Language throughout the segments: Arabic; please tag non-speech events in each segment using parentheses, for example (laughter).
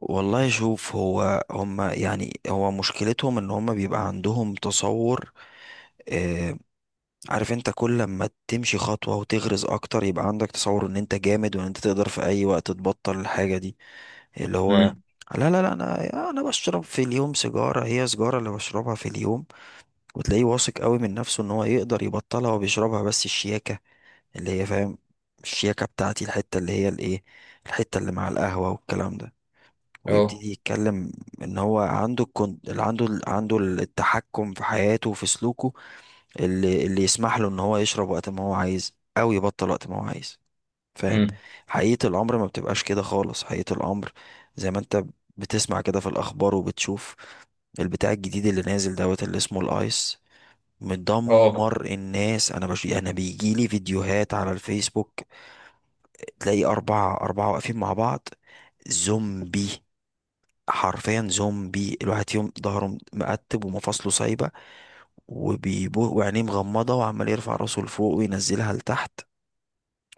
والله، شوف، هو هما يعني هو مشكلتهم ان هما بيبقى عندهم تصور. آه. عارف انت، كل لما تمشي خطوة وتغرز اكتر، يبقى عندك تصور ان انت جامد، وان انت تقدر في اي وقت تبطل الحاجة دي. اللي هو، امم. لا، لا، لا، انا بشرب في اليوم سيجارة، هي سيجارة اللي بشربها في اليوم. وتلاقيه واثق قوي من نفسه ان هو يقدر يبطلها، وبيشربها بس الشياكة. اللي هي، فاهم؟ الشياكة بتاعتي، الحتة اللي هي الايه، الحتة اللي مع القهوة والكلام ده. اه. ويبتدي يتكلم ان هو عنده الكون... عنده ال- عنده التحكم في حياته وفي سلوكه. اللي يسمح له ان هو يشرب وقت ما هو عايز، او يبطل وقت ما هو عايز. فاهم؟ امم. حقيقة الامر ما بتبقاش كده خالص، حقيقة الامر. زي ما انت بتسمع كده في الاخبار وبتشوف، البتاع الجديد اللي نازل دوت، اللي اسمه الايس، اه. مدمر الناس. انا بيجيلي فيديوهات على الفيسبوك، تلاقي اربعة اربعة واقفين مع بعض، زومبي، حرفيا زومبي، الواحد فيهم ظهره مقتب ومفاصله سايبة، وبيبو وعينيه مغمضة، وعمال يرفع راسه لفوق وينزلها لتحت،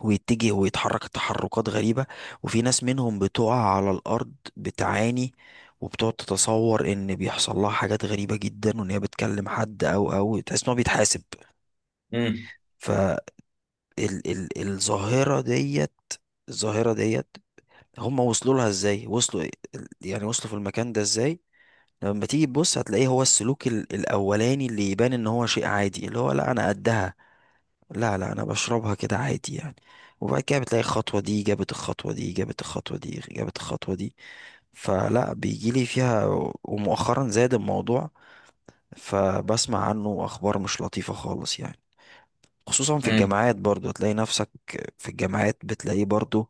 ويتجه ويتحرك تحركات غريبة. وفي ناس منهم بتقع على الأرض بتعاني، وبتقعد تتصور إن بيحصل لها حاجات غريبة جدا، وإن هي بتكلم حد، أو تحس إن هو بيتحاسب. امم. فالظاهرة ديت الظاهرة ديت، هم وصلوا لها إزاي، وصلوا إيه؟ يعني وصلوا في المكان ده إزاي؟ لما تيجي تبص هتلاقيه هو السلوك الاولاني اللي يبان ان هو شيء عادي، اللي هو لا انا قدها، لا، لا، انا بشربها كده عادي يعني. وبعد كده بتلاقي الخطوة دي جابت الخطوة دي، جابت الخطوة دي، جابت الخطوة دي. فلا بيجيلي فيها. ومؤخرا زاد الموضوع، فبسمع عنه اخبار مش لطيفة خالص يعني. خصوصا في امم. الجامعات برضو تلاقي نفسك، في الجامعات بتلاقيه برضو،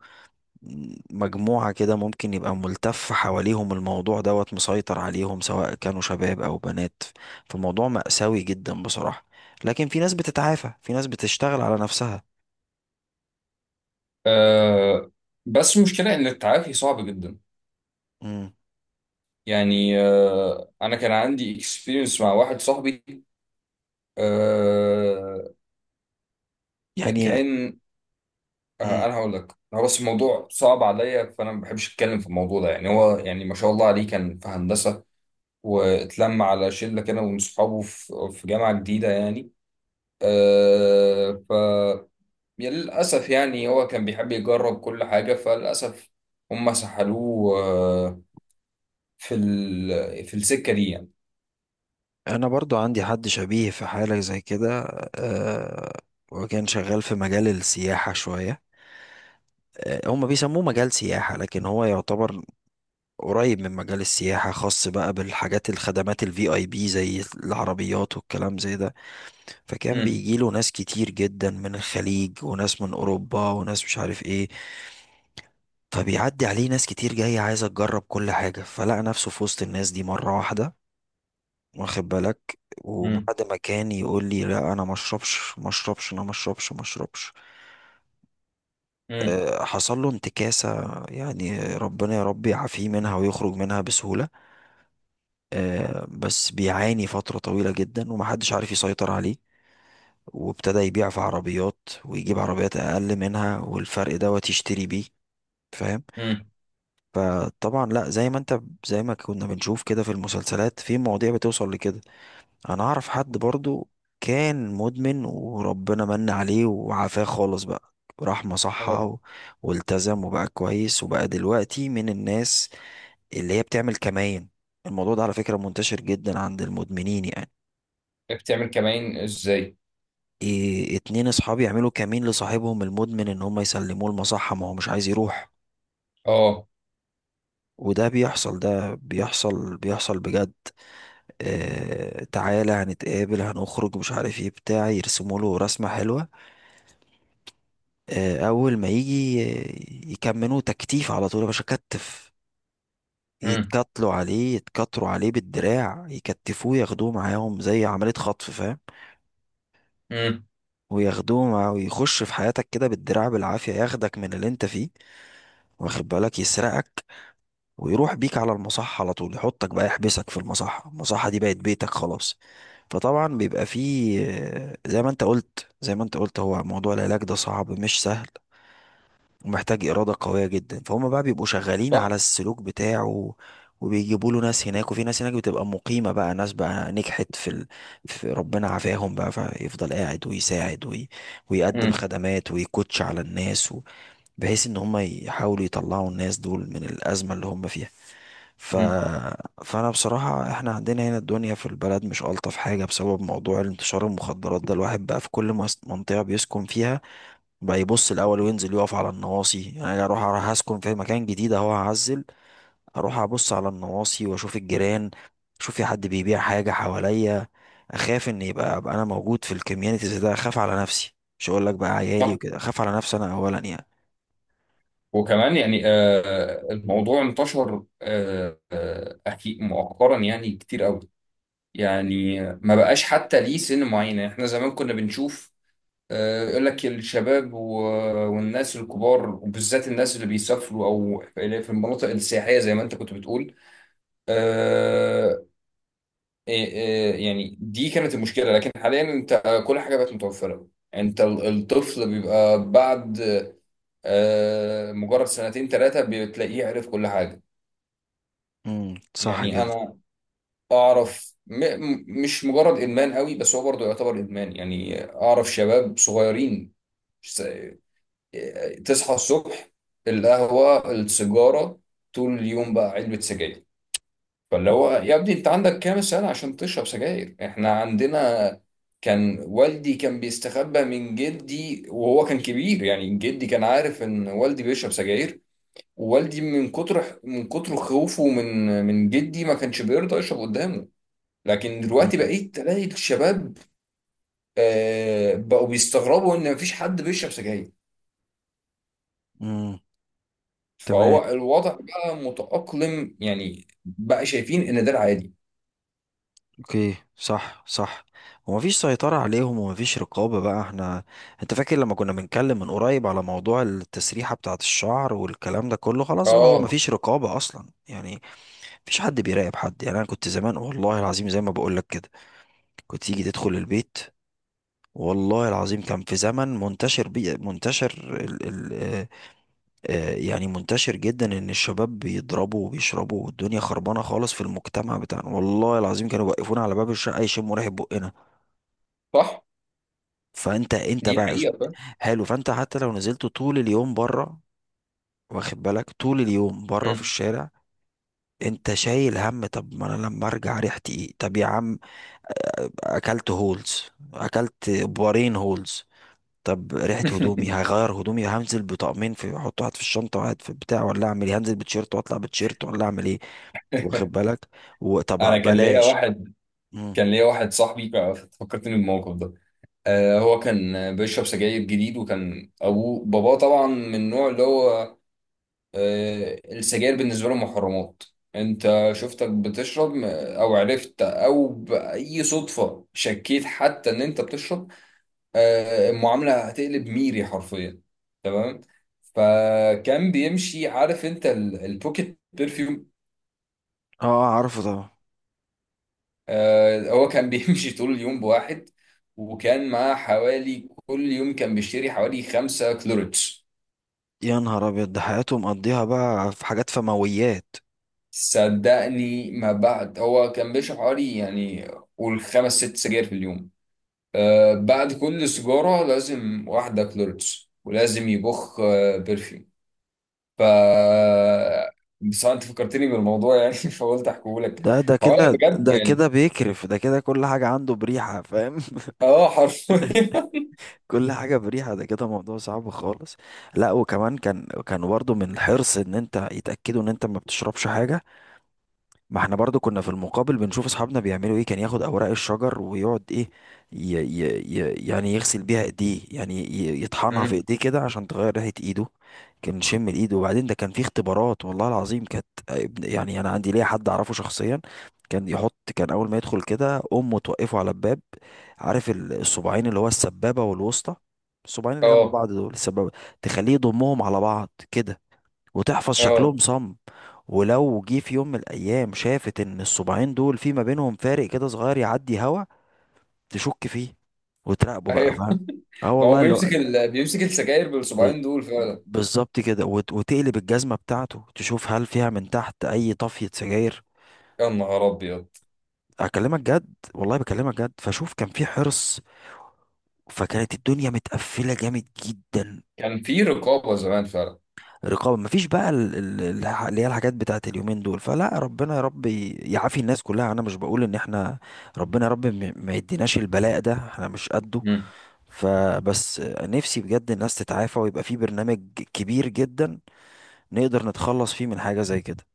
مجموعة كده ممكن يبقى ملتف حواليهم الموضوع دوت مسيطر عليهم، سواء كانوا شباب أو بنات. فالموضوع مأساوي جدا بصراحة. لكن في ناس بتتعافى، في ناس بتشتغل على نفسها. آه. بس المشكله ان التعافي صعب جدا. مم. يعني انا كان عندي اكسبيرينس مع واحد صاحبي. آه. يعني. كان مم. انا هقول لك، هو بس الموضوع صعب عليا، فانا ما بحبش اتكلم في الموضوع ده، يعني هو يعني ما شاء الله عليه كان في هندسه. واتلم على شله كده من صحابه في جامعه جديده، يعني. آه ف يا للأسف، يعني هو كان بيحب يجرب كل حاجة، فللأسف هم سحلوه، في السكة دي، يعني. أنا برضو عندي حد شبيه في حالة زي كده. أه. وكان شغال في مجال السياحة شوية. أه، هم بيسموه مجال سياحة لكن هو يعتبر قريب من مجال السياحة، خاص بقى بالحاجات الخدمات الفي اي بي زي العربيات والكلام زي ده. فكان مم. بيجيله ناس كتير جدا من الخليج، وناس من اوروبا، وناس مش عارف ايه. فبيعدي عليه ناس كتير جاية عايزة تجرب كل حاجة، فلقى نفسه في وسط الناس دي مرة واحدة. واخد بالك. مم. وبعد ما كان يقول لي لا انا ما اشربش ما اشربش، انا ما اشربش ما اشربش. مم. آه، حصل له انتكاسة يعني، ربنا يا رب يعافيه منها ويخرج منها بسهولة. آه، بس بيعاني فترة طويلة جدا، ومحدش عارف يسيطر عليه. وابتدى يبيع في عربيات ويجيب عربيات اقل منها، والفرق دوت يشتري بيه. فاهم؟ مم. فطبعا لا، زي ما انت، زي ما كنا بنشوف كده في المسلسلات، في مواضيع بتوصل لكده. انا اعرف حد برضو كان مدمن، وربنا من عليه وعافاه خالص بقى. راح مصحة اه. والتزم وبقى كويس، وبقى دلوقتي من الناس اللي هي بتعمل كمائن. الموضوع ده على فكرة منتشر جدا عند المدمنين يعني. بتعمل كمائن ازاي؟ إيه، اتنين اصحابي يعملوا كمين لصاحبهم المدمن ان هم يسلموه المصحة، ما هو مش عايز يروح. اه. وده بيحصل، ده بيحصل بيحصل بجد. اه، تعالى هنتقابل هنخرج مش عارف ايه بتاع، يرسموا له رسمة حلوة. اه، اول ما يجي يكملوه تكتيف على طول يا باشا كتف. مم. يتكتلوا عليه، يتكتروا عليه بالدراع، يكتفوه، ياخدوه معاهم زي عملية خطف، فاهم؟ مم. وياخدوه مع ويخش في حياتك كده بالدراع بالعافية، ياخدك من اللي انت فيه. واخد بالك، يسرقك، ويروح بيك على المصحة على طول، يحطك بقى يحبسك في المصحة. المصحة دي بقت بيتك خلاص. فطبعا بيبقى فيه زي ما انت قلت، هو موضوع العلاج ده صعب مش سهل. ومحتاج إرادة قوية جدا، فهم بقى بيبقوا شغالين صح. على السلوك بتاعه. وبيجيبوا له ناس هناك، وفي ناس هناك بتبقى مقيمة بقى، ناس بقى نجحت في ربنا عافاهم بقى، فيفضل قاعد ويساعد ويقدم مم. خدمات، ويكوتش على الناس، بحيث ان هم يحاولوا يطلعوا الناس دول من الازمه اللي هم فيها. ف... مم. فانا بصراحه احنا عندنا هنا الدنيا في البلد مش الطف حاجه بسبب موضوع الانتشار المخدرات ده، الواحد بقى في كل منطقه بيسكن فيها بقى يبص الاول وينزل يقف على النواصي، يعني انا اروح اسكن في مكان جديد اهو هعزل، اروح ابص على النواصي واشوف الجيران، اشوف في حد بيبيع حاجه حواليا، اخاف ان يبقى ابقى انا موجود في الكوميونيتيز ده، اخاف على نفسي، مش هقول لك بقى عيالي صح. وكده، اخاف على نفسي انا اولا يعني. وكمان، يعني الموضوع انتشر، أكيد مؤخرا، يعني كتير قوي. يعني ما بقاش حتى ليه سن معين، يعني احنا زمان كنا بنشوف، يقول لك الشباب والناس الكبار، وبالذات الناس اللي بيسافروا او اللي في المناطق السياحيه، زي ما انت كنت بتقول. آه. إيه، يعني دي كانت المشكله، لكن حاليا انت، كل حاجه بقت متوفره. انت الطفل بيبقى بعد مجرد سنتين ثلاثه، بتلاقيه عرف كل حاجه. صح يعني كده. انا اعرف، مش مجرد ادمان قوي، بس هو برضه يعتبر ادمان. يعني اعرف شباب صغيرين، تصحى الصبح، القهوة السيجارة، طول اليوم بقى علبة سجاير. فاللي هو، يا ابني انت عندك كام سنة عشان تشرب سجاير؟ احنا عندنا كان والدي كان بيستخبى من جدي وهو كان كبير، يعني جدي كان عارف ان والدي بيشرب سجاير. ووالدي من كتر خوفه من جدي، ما كانش بيرضى يشرب قدامه. لكن دلوقتي امم. بقيت تلاقي الشباب، بقوا بيستغربوا ان مفيش حد بيشرب سجاير. امم. تمام. فهو الوضع بقى متأقلم، يعني بقى شايفين ان ده العادي. اوكي، صح، صح. ومفيش سيطرة عليهم، ومفيش رقابة بقى، احنا، انت فاكر لما كنا بنتكلم من قريب على موضوع التسريحة بتاعة الشعر والكلام ده كله؟ خلاص بقى هو اه. مفيش رقابة اصلا يعني. مفيش حد بيراقب حد يعني، انا كنت زمان والله العظيم زي ما بقول لك كده، كنت تيجي تدخل البيت، والله العظيم كان في زمن منتشر. يعني منتشر جدا ان الشباب بيضربوا وبيشربوا، والدنيا خربانه خالص في المجتمع بتاعنا، والله العظيم كانوا بيوقفونا على باب الشقه يشموا ريحه بقنا. صح. فانت دي بقى حقيقة، فاهم. حلو، فانت حتى لو نزلت طول اليوم بره، واخد بالك، طول اليوم بره في مم. الشارع. انت شايل هم، طب ما انا لما ارجع ريحتي ايه؟ طب يا عم، آه، اكلت هولز، اكلت بارين هولز. طب ريحه هدومي، (laughs) هغير هدومي؟ هنزل بطقمين، في احط واحد في الشنطه واحد في البتاع، ولا اعمل ايه؟ هنزل بتيشيرت واطلع بتيشيرت، ولا اعمل ايه؟ واخد بالك. انا وطب كان ليا بلاش. واحد. مم. كان ليا واحد صاحبي فكرتني بالموقف ده. هو كان بيشرب سجاير جديد، وكان باباه طبعا من النوع اللي هو السجاير بالنسبة له محرمات. انت شفتك بتشرب او عرفت او بأي صدفة شكيت حتى ان انت بتشرب؟ المعاملة هتقلب ميري حرفيا. تمام. فكان بيمشي، عارف انت البوكيت برفيوم؟ اه، عارفه طبعا. هو كان بيمشي (laughs) طول اليوم بواحد. وكان معاه حوالي كل يوم كان بيشتري حوالي خمسة كلوريتش. يا نهار ابيض، ده حياته مقضيها بقى في حاجات فمويات. صدقني، ما بعد هو كان بيشرب حوالي، يعني قول خمس ست سجاير في اليوم. بعد كل سيجارة لازم واحدة كلوريتش، ولازم يبخ برفيوم. ف بس انت فكرتني بالموضوع، يعني (laughs) فقلت احكيه لك. ده هو انا كده، بجد، ده يعني. كده بيكرف، ده كده كل حاجة عنده بريحة، فاهم؟ (laughs) اه، حرفيا. (laughs) كل حاجة بريحة، ده كده موضوع صعب خالص. لا، وكمان كان برضه من الحرص ان انت يتأكدوا ان انت ما بتشربش حاجة. ما احنا برضو كنا في المقابل بنشوف اصحابنا بيعملوا ايه، كان ياخد اوراق الشجر ويقعد ايه ي ي ي يعني يغسل بيها ايديه، يعني يطحنها في مم. ايديه كده عشان تغير ريحة ايده. كان شم الايد. وبعدين ده كان في اختبارات والله العظيم يعني انا عندي ليا حد اعرفه شخصيا، كان اول ما يدخل كده، امه توقفه على الباب. عارف الصباعين اللي هو السبابة والوسطى، الصباعين اللي جنب اه. بعض دول السبابة، تخليه يضمهم على بعض كده، وتحفظ شكلهم اه. صم. ولو جه في يوم من الايام شافت ان الصباعين دول في ما بينهم فارق كده صغير يعدي هوا، تشك فيه، وتراقبه بقى، ايوه، فاهم؟ اه، ما هو والله اللي هو، بيمسك السجاير ب- بالصباعين دول ب- فعلا. بالظبط كده، وتقلب الجزمه بتاعته تشوف هل فيها من تحت اي طفيه سجاير. يا نهار ابيض. اكلمك جد، والله بكلمك جد، فشوف كان في حرص، فكانت الدنيا متقفله جامد جدا. كان في رقابه زمان فعلا. رقابة مفيش بقى اللي هي الحاجات بتاعت اليومين دول، فلا ربنا يا رب يعافي الناس كلها، انا مش بقول ان احنا، ربنا يا رب ما يديناش البلاء ده، احنا مش قده. مم. فبس نفسي بجد الناس تتعافى، ويبقى في برنامج كبير جدا نقدر نتخلص فيه من حاجة زي كده،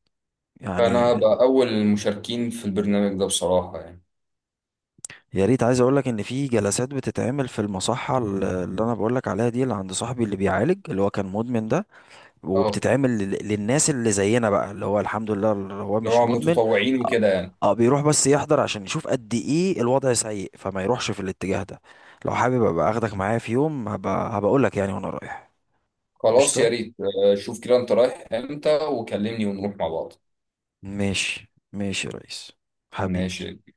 فانا يعني. هبقى اول المشاركين في البرنامج ده بصراحه، يعني. يا ريت، عايز اقول لك ان في جلسات بتتعمل في المصحة اللي انا بقول لك عليها دي، اللي عند صاحبي اللي بيعالج اللي هو كان مدمن ده، اه. وبتتعمل للناس اللي زينا بقى، اللي هو الحمد لله اللي هو اللي مش هو مدمن. متطوعين اه. وكده، يعني. آه، بيروح بس يحضر عشان يشوف قد ايه الوضع سيء، فما يروحش في الاتجاه ده. لو حابب ابقى اخدك معايا في يوم، هبقول لك يعني وانا رايح. خلاص، يا قشطة. ريت، شوف كده انت رايح امتى وكلمني ونروح مع بعض. ماشي ماشي يا ريس. حبيبي. ماشي.